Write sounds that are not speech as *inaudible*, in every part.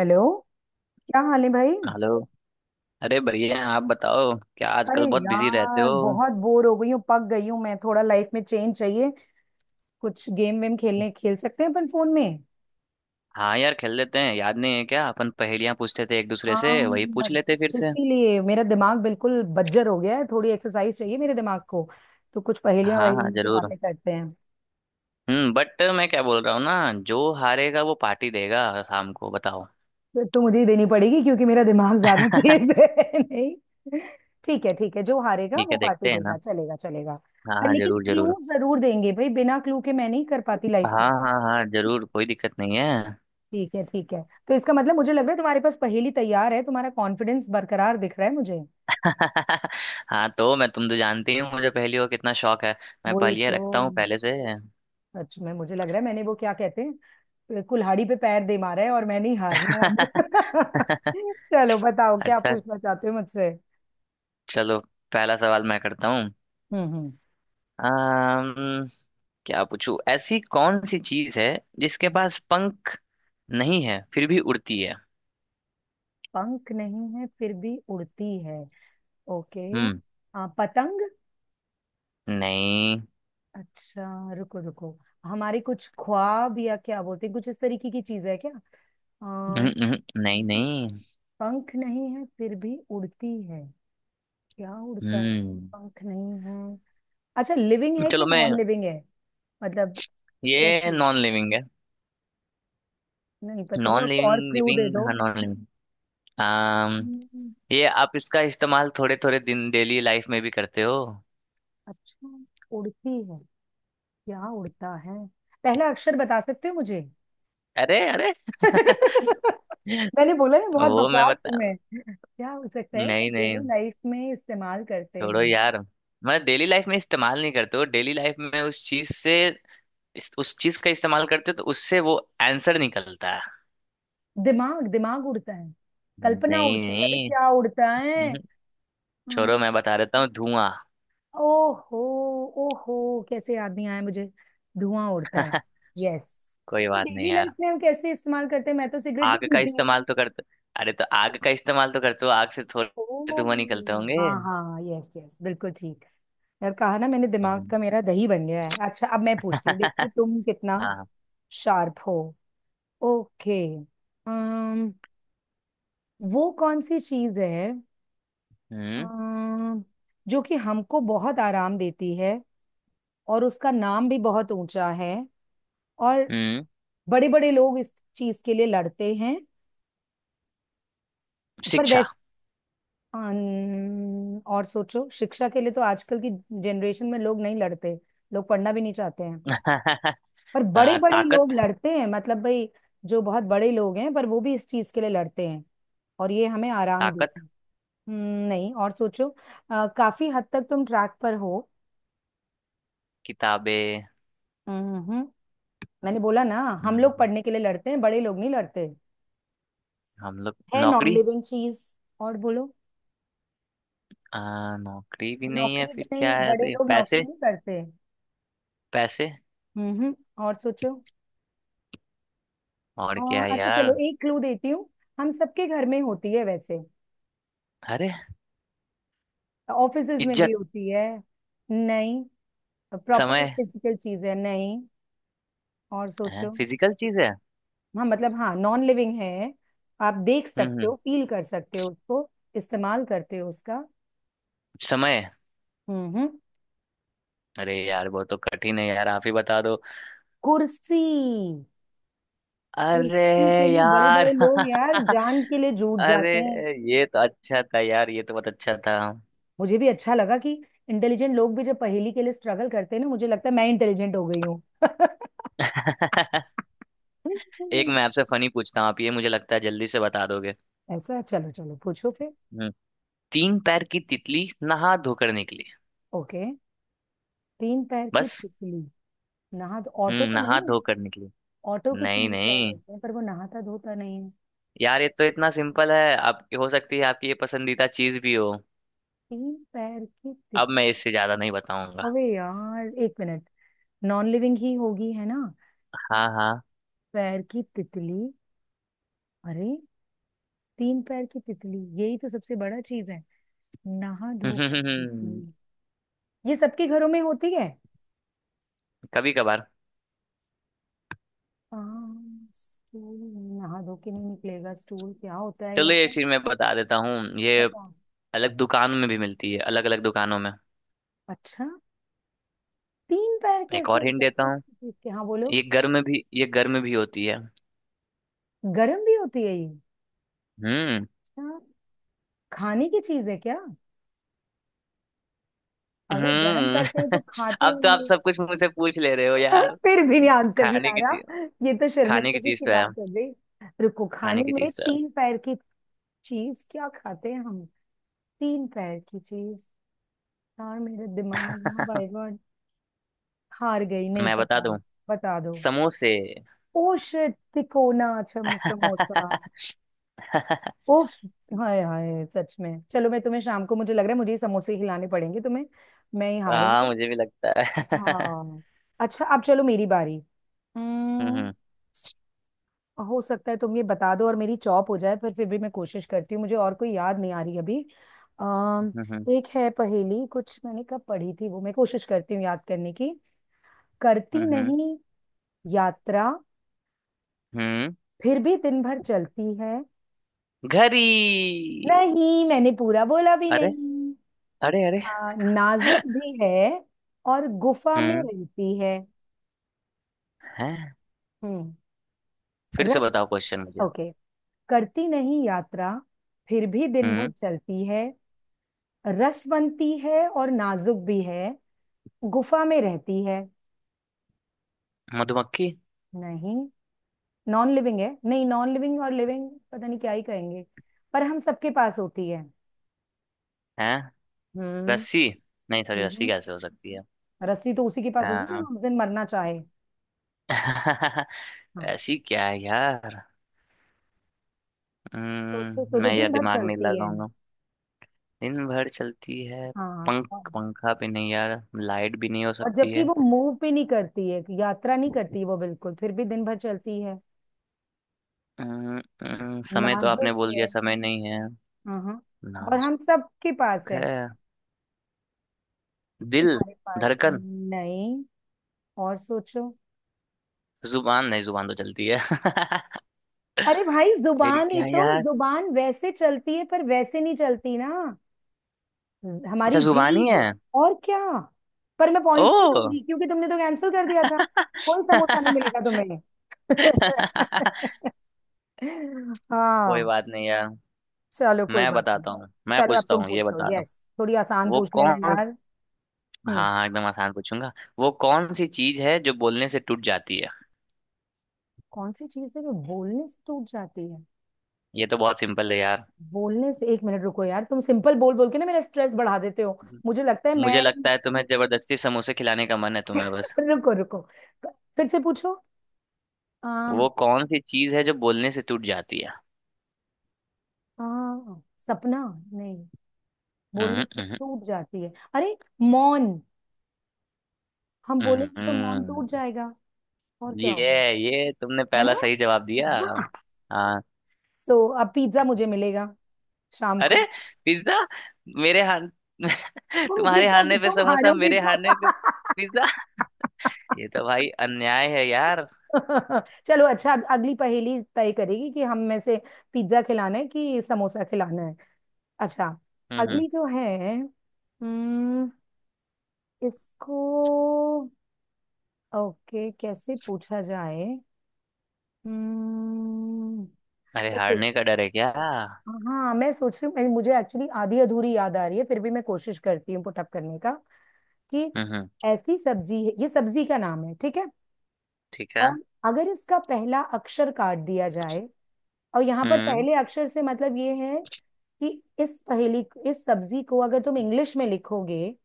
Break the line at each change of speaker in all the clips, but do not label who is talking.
Hello. क्या हाल है भाई।
हेलो। अरे बढ़िया हैं। आप बताओ, क्या
अरे
आजकल बहुत बिजी रहते
यार
हो?
बहुत बोर हो गई हूँ, पक गई हूँ मैं। थोड़ा लाइफ में चेंज चाहिए। कुछ गेम वेम खेलने खेल सकते हैं अपन फोन में।
हाँ यार, खेल लेते हैं। याद नहीं है क्या, अपन पहेलियां पूछते थे एक दूसरे से। वही
हाँ,
पूछ लेते फिर से।
इसीलिए मेरा दिमाग बिल्कुल बज्जर हो गया है, थोड़ी एक्सरसाइज चाहिए मेरे दिमाग को। तो कुछ पहेलियां
हाँ हाँ,
वहेलियां की
जरूर।
बातें करते हैं।
बट मैं क्या बोल रहा हूँ ना, जो हारेगा वो पार्टी देगा शाम को, बताओ।
तो मुझे ही देनी पड़ेगी क्योंकि मेरा दिमाग ज्यादा *laughs*
*laughs*
तेज है नहीं। ठीक है ठीक है, जो हारेगा
ठीक
वो
है,
पार्टी
देखते हैं
देगा,
ना।
चलेगा चलेगा।
हाँ
पर
हाँ,
लेकिन
जरूर
क्लू
जरूर।
जरूर देंगे भाई, बिना क्लू के मैं नहीं कर पाती लाइफ में।
हाँ हाँ हाँ, जरूर, कोई दिक्कत नहीं है।
ठीक है ठीक है। तो इसका मतलब मुझे लग रहा है तुम्हारे पास पहेली तैयार है, तुम्हारा कॉन्फिडेंस बरकरार दिख रहा है मुझे।
*laughs* हाँ तो मैं, तुम तो जानती हूँ मुझे पहेलियों का कितना शौक है। मैं
वही
पहेलियाँ
तो।
रखता हूँ पहले से। *laughs*
सच में मुझे लग रहा है मैंने वो क्या कहते हैं, कुल्हाड़ी पे पैर दे मारा है और मैंने ही हारना है अब। *laughs* चलो बताओ क्या
अच्छा,
पूछना चाहते हो मुझसे।
चलो, पहला सवाल मैं करता हूँ।
हम्म।
अम्म, क्या पूछूं। ऐसी कौन सी चीज है जिसके
हम्म।
पास पंख नहीं है फिर भी उड़ती है?
पंख नहीं है फिर भी उड़ती है। ओके।
हम्म।
पतंग।
नहीं।
अच्छा रुको रुको, हमारे कुछ ख्वाब या क्या बोलते हैं कुछ इस तरीके की चीज है क्या।
हम्म। नहीं
आ,
नहीं।
पंख नहीं है फिर भी उड़ती है। क्या उड़ता है।
हम्म।
पंख नहीं है। अच्छा लिविंग है कि
चलो, मैं,
नॉन लिविंग है। मतलब।
ये
कैसी।
नॉन लिविंग है।
नहीं पता,
नॉन
थोड़ा
लिविंग,
और क्लू दे
लिविंग,
दो।
हाँ, नॉन लिविंग। अम्म
हम्म,
ये आप इसका इस्तेमाल थोड़े थोड़े दिन डेली लाइफ में भी करते हो।
अच्छा। उड़ती है, क्या उड़ता है। पहला अक्षर बता सकते हो मुझे।
अरे अरे। *laughs*
*laughs* मैंने बोला ना बहुत
वो मैं
बकवास हूं
बता,
मैं। क्या हो सकता है जो
नहीं नहीं,
डेली लाइफ में इस्तेमाल करते
छोड़ो
हैं।
यार। मतलब डेली लाइफ में इस्तेमाल नहीं करते हो, डेली लाइफ में उस चीज से, इस उस चीज का इस्तेमाल करते हो तो उससे वो आंसर निकलता है।
दिमाग दिमाग उड़ता है, कल्पना
नहीं
उड़ती है, अरे
नहीं।
क्या उड़ता है।
हम्म, छोड़ो,
हम्म।
मैं बता देता हूँ। धुआं।
ओहो। ओहो, कैसे याद नहीं आया मुझे। धुआं उड़ता है।
*laughs*
यस।
कोई
तो
बात नहीं
डेली
यार।
लाइफ में हम कैसे इस्तेमाल करते हैं, मैं तो सिगरेट
आग
नहीं
का
पीती हूँ।
इस्तेमाल तो करते, अरे तो आग का इस्तेमाल तो करते हो, आग से थोड़े
ओ,
धुआं निकलते होंगे।
हाँ हाँ, यस यस, बिल्कुल ठीक। यार कहा ना मैंने दिमाग
हम्म,
का मेरा दही बन गया है। अच्छा अब मैं पूछती हूँ, देखती हूँ
*laughs*
तुम कितना
हाँ।
शार्प हो। ओके। अम्म वो कौन सी चीज है,
हम्म
अम्म जो कि हमको बहुत आराम देती है, और उसका नाम भी बहुत ऊंचा है, और
हम्म।
बड़े बड़े लोग इस चीज के लिए लड़ते हैं। पर
शिक्षा।
वैसे और सोचो, शिक्षा के लिए तो आजकल की जनरेशन में लोग नहीं लड़ते, लोग पढ़ना भी नहीं चाहते हैं।
*laughs*
पर बड़े बड़े लोग
ताकत।
लड़ते हैं मतलब भाई, जो बहुत बड़े लोग हैं पर वो भी इस चीज के लिए लड़ते हैं, और ये हमें आराम
ताकत।
देती है। नहीं, और सोचो। काफी हद तक तुम ट्रैक पर हो।
किताबें।
हम्म। मैंने बोला ना हम लोग
हम्म,
पढ़ने के लिए लड़ते हैं, बड़े लोग नहीं लड़ते।
हम लोग।
है नॉन
नौकरी।
लिविंग चीज, और बोलो।
नौकरी भी नहीं है
नौकरी भी
फिर
नहीं,
क्या है?
बड़े
ऐसे,
लोग नौकरी
पैसे।
नहीं करते।
पैसे।
हम्म, और सोचो।
और क्या
और
है
अच्छा
यार।
चलो एक क्लू देती हूँ, हम सबके घर में होती है वैसे,
अरे,
ऑफिसेज में भी
इज्जत।
होती है। नहीं, प्रॉपर एक
समय।
फिजिकल चीज है नहीं, और
है,
सोचो।
फिजिकल चीज है।
हाँ मतलब हाँ नॉन लिविंग है, आप देख सकते
हम्म।
हो फील कर सकते हो उसको, इस्तेमाल करते हो उसका।
समय।
हम्म।
अरे यार वो तो कठिन है यार, आप ही बता दो।
कुर्सी।
अरे
कुर्सी के लिए बड़े
यार।
बड़े लोग यार
*laughs*
जान के लिए जूट
अरे,
जाते हैं।
ये तो अच्छा था यार, ये तो बहुत अच्छा था।
मुझे भी अच्छा लगा कि इंटेलिजेंट लोग भी जब पहेली के लिए स्ट्रगल करते हैं ना, मुझे लगता है मैं इंटेलिजेंट हो गई हूँ। *laughs*
*laughs*
*laughs*
एक मैं आपसे फनी पूछता हूँ, आप ये मुझे लगता है जल्दी से बता दोगे।
ऐसा है? चलो चलो पूछो फिर।
हम्म। तीन पैर की तितली नहा धोकर निकली।
ओके। तीन पैर की
बस।
तितली नहा। ऑटो तो
नहा
नहीं है।
धोकर निकली।
ऑटो के
नहीं
तीन पैर
नहीं।
होते हैं पर वो नहाता धोता नहीं है।
यार ये तो इतना सिंपल है, आपकी हो सकती है, आपकी ये पसंदीदा चीज भी हो।
तीन पैर की तितली।
अब मैं इससे ज्यादा नहीं बताऊंगा।
अबे यार एक मिनट, नॉन लिविंग ही होगी है ना।
हाँ हाँ।
पैर की तितली। अरे, तीन पैर की तितली यही तो सबसे बड़ा चीज है। नहा धोकर
*laughs* हम्म।
तितली। ये सबके घरों में होती है।
कभी कभार।
हाँ, स्टूल। नहा धो के नहीं निकलेगा स्टूल, क्या होता है
चलो, ये
यार।
चीज मैं बता देता हूँ। ये
पता।
अलग दुकानों में भी मिलती है, अलग अलग दुकानों में।
अच्छा तीन पैर
एक
कैसे
और
हो
हिंट देता
सकते हैं
हूँ।
किसी चीज के, हाँ बोलो।
ये घर में भी होती है।
गरम भी होती है ये।
हम्म
अच्छा, खाने की चीज है क्या, अगर गरम
हम्म।
करते हैं तो
*laughs*
खाते
अब तो आप
होंगे।
सब कुछ मुझसे पूछ ले रहे हो यार।
*laughs* फिर भी आंसर नहीं
खाने
आ
की चीज।
रहा। ये तो
खाने की
शर्मिंदगी
चीज
की
तो है।
बात हो गई। रुको,
खाने
खाने
की
में
चीज तो है।
तीन पैर की चीज क्या खाते हैं हम। तीन पैर की चीज। यार मेरा दिमाग ना बाय गॉड, हार गई, नहीं
मैं बता
पता।
दूं।
बता दो।
समोसे।
ओ शिट, तिकोना, अच्छा समोसा।
*laughs*
ओफ। हाय हाय सच में, चलो मैं तुम्हें शाम को, मुझे लग रहा है मुझे ही समोसे खिलाने पड़ेंगे तुम्हें, मैं ही हारूंगी।
हाँ मुझे भी लगता है। *laughs*
हाँ। अच्छा अब चलो मेरी बारी। हम्म।
हम्म।
हो सकता है तुम ये बता दो और मेरी चॉप हो जाए, पर फिर भी मैं कोशिश करती हूँ, मुझे और कोई याद नहीं आ रही अभी। अम
हम्म
एक है पहेली कुछ मैंने कब पढ़ी थी, वो मैं कोशिश करती हूँ याद करने की।
हम्म।
करती नहीं यात्रा,
हम्म।
फिर भी दिन भर चलती है।
घड़ी।
नहीं मैंने पूरा बोला भी
अरे
नहीं।
अरे। अरे।
नाजुक भी है, और गुफा में
हम्म।
रहती है।
है।
हम्म।
फिर से
रस।
बताओ क्वेश्चन मुझे।
ओके। करती नहीं यात्रा, फिर भी दिन भर
हम्म।
चलती है, रसवंती है और नाजुक भी है, गुफा में रहती है।
मधुमक्खी।
नहीं। नॉन लिविंग है, नहीं नॉन लिविंग और लिविंग पता नहीं क्या ही कहेंगे, पर हम सबके पास होती है।
है।
हम्म।
रस्सी। नहीं सॉरी, रस्सी
हम्म।
कैसे हो सकती है।
रस्सी तो उसी के पास होती है
अम,
जो उस दिन मरना चाहे।
*laughs*
हाँ।
ऐसी क्या है यार।
सोचो सोचो
मैं
दिन
यार
भर
दिमाग नहीं
चलती है।
लगाऊंगा। दिन भर चलती है।
हाँ।
पंख। पंखा भी नहीं यार, लाइट भी नहीं हो
और
सकती
जबकि
है।
वो मूव भी नहीं करती है, यात्रा नहीं करती वो बिल्कुल, फिर भी दिन भर चलती है।
अम, अम, समय तो
नाजुक
आपने बोल
है।
दिया, समय नहीं है।
हाँ हाँ। और
नाजुक
हम सबके पास है।
है। दिल।
तुम्हारे पास है।
धड़कन।
नहीं, और सोचो।
जुबान नहीं, जुबान तो चलती है।
अरे भाई
*laughs* फिर
जुबान, ही
क्या
तो
यार।
जुबान वैसे चलती है पर वैसे नहीं चलती ना।
अच्छा,
हमारी
जुबान ही है।
जीभ और क्या। पर मैं
ओ।
पॉइंट्स नहीं दूंगी क्योंकि तुमने तो कैंसिल कर दिया था, कोई समोसा नहीं
*laughs*
मिलेगा तुम्हें।
*laughs*
*laughs*
कोई
हाँ।
बात नहीं यार।
चलो कोई
मैं
बात नहीं।
बताता हूँ, मैं
चलो अब
पूछता
तुम
हूँ, ये
पूछो,
बता दो।
यस थोड़ी आसान
वो
पूछ लेना
कौन,
यार।
हाँ
हम्म।
हाँ, एकदम आसान पूछूंगा। वो कौन सी चीज है जो बोलने से टूट जाती है?
कौन सी चीज है जो बोलने से टूट जाती है।
ये तो बहुत सिंपल है यार।
बोलने से, एक मिनट रुको यार तुम सिंपल बोल बोल के ना मेरा स्ट्रेस बढ़ा देते हो, मुझे लगता है
मुझे
मैं।
लगता है तुम्हें जबरदस्ती समोसे खिलाने का मन है तुम्हें, बस।
*laughs* रुको रुको, फिर से पूछो। आम।
वो कौन सी चीज है जो बोलने से टूट जाती है?
आ, सपना। नहीं, बोलने से
हम्म।
टूट जाती है, अरे मौन। हम
हम्म,
बोलेंगे तो मौन
हम्म।
टूट जाएगा और क्या
ये
होगा।
ये तुमने
है
पहला
ना।
सही जवाब दिया।
*laughs*
हाँ।
सो so, अब पिज्जा मुझे मिलेगा शाम
अरे,
को।
पिज्जा। मेरे हार, *laughs*
तुम
तुम्हारे
जीतोगे,
हारने पे
तुम
समोसा,
हारोगे
मेरे
तो।
हारने पे? ये तो भाई अन्याय है यार।
*laughs* चलो अच्छा, अब अगली पहेली तय करेगी कि हम में से पिज्जा खिलाना है कि समोसा खिलाना है। अच्छा।
हम्म।
अगली जो है हम्म, इसको ओके कैसे पूछा जाए। हम्म।
अरे,
okay,
हारने का डर है क्या? हम्म।
हाँ मैं सोच रही हूँ, मुझे एक्चुअली आधी अधूरी याद आ रही है, फिर भी मैं कोशिश करती हूँ पुटअप करने का कि
हम्म,
ऐसी सब्जी है, ये सब्जी का नाम है ठीक है।
ठीक है।
और अगर इसका पहला अक्षर काट दिया जाए, और यहाँ पर
हम्म
पहले अक्षर से मतलब ये है कि इस पहेली, इस सब्जी को अगर तुम इंग्लिश में लिखोगे,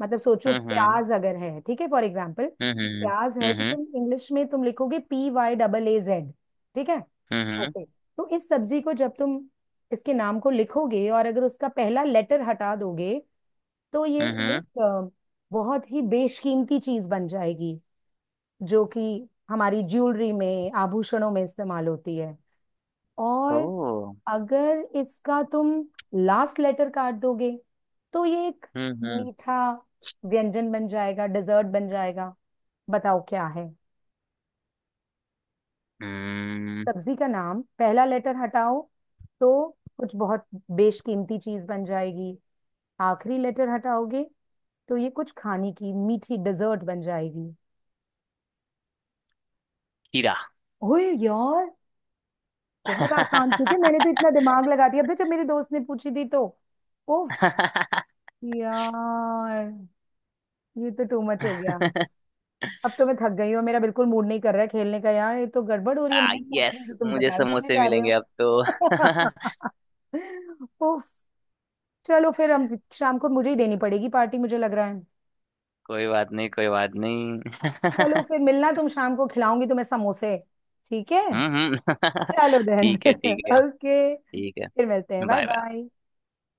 मतलब सोचो
हम्म हम्म
प्याज अगर है, ठीक है फॉर एग्जाम्पल,
हम्म। हम्म
प्याज है तो
हम्म
तुम इंग्लिश में तुम लिखोगे PYAAZ, ठीक है
हम्म
ऐसे। तो इस सब्जी को जब तुम इसके नाम को लिखोगे और अगर उसका पहला लेटर हटा दोगे, तो ये
हम्म।
एक बहुत ही बेशकीमती चीज बन जाएगी, जो कि हमारी ज्वेलरी में आभूषणों में इस्तेमाल होती है। और
ओ।
अगर इसका तुम लास्ट लेटर काट दोगे, तो ये एक
हम्म हम्म
मीठा व्यंजन बन जाएगा, डिजर्ट बन जाएगा। बताओ क्या है।
हम्म।
सब्जी का नाम, पहला लेटर हटाओ तो कुछ बहुत बेशकीमती चीज बन जाएगी, आखिरी लेटर हटाओगे तो ये कुछ खाने की मीठी डिजर्ट बन जाएगी।
हीरा।
ओए यार, बहुत आसान थी कि मैंने तो
*laughs*
इतना दिमाग लगा दिया था जब मेरे दोस्त ने पूछी थी तो। उफ। यार ये तो टू मच हो गया, अब तो मैं थक गई हूँ, मेरा बिल्कुल मूड नहीं कर रहा है खेलने का यार, ये तो गड़बड़ हो रही
आ
है, मैं पूछ रही
यस,
हूँ तो तुम
मुझे
बताए चले
समोसे
जा रहे
मिलेंगे
हो।
अब तो। *laughs*
*laughs* उफ। चलो फिर, हम शाम को, मुझे ही देनी पड़ेगी पार्टी मुझे लग रहा है।
कोई बात नहीं, कोई बात नहीं।
चलो फिर मिलना तुम शाम को, खिलाऊंगी तुम्हें समोसे, ठीक है।
हम्म।
चलो
*laughs*
देन
ठीक है, ठीक
*laughs*
है।
ओके
ठीक है।
फिर मिलते हैं, बाय
बाय बाय।
बाय।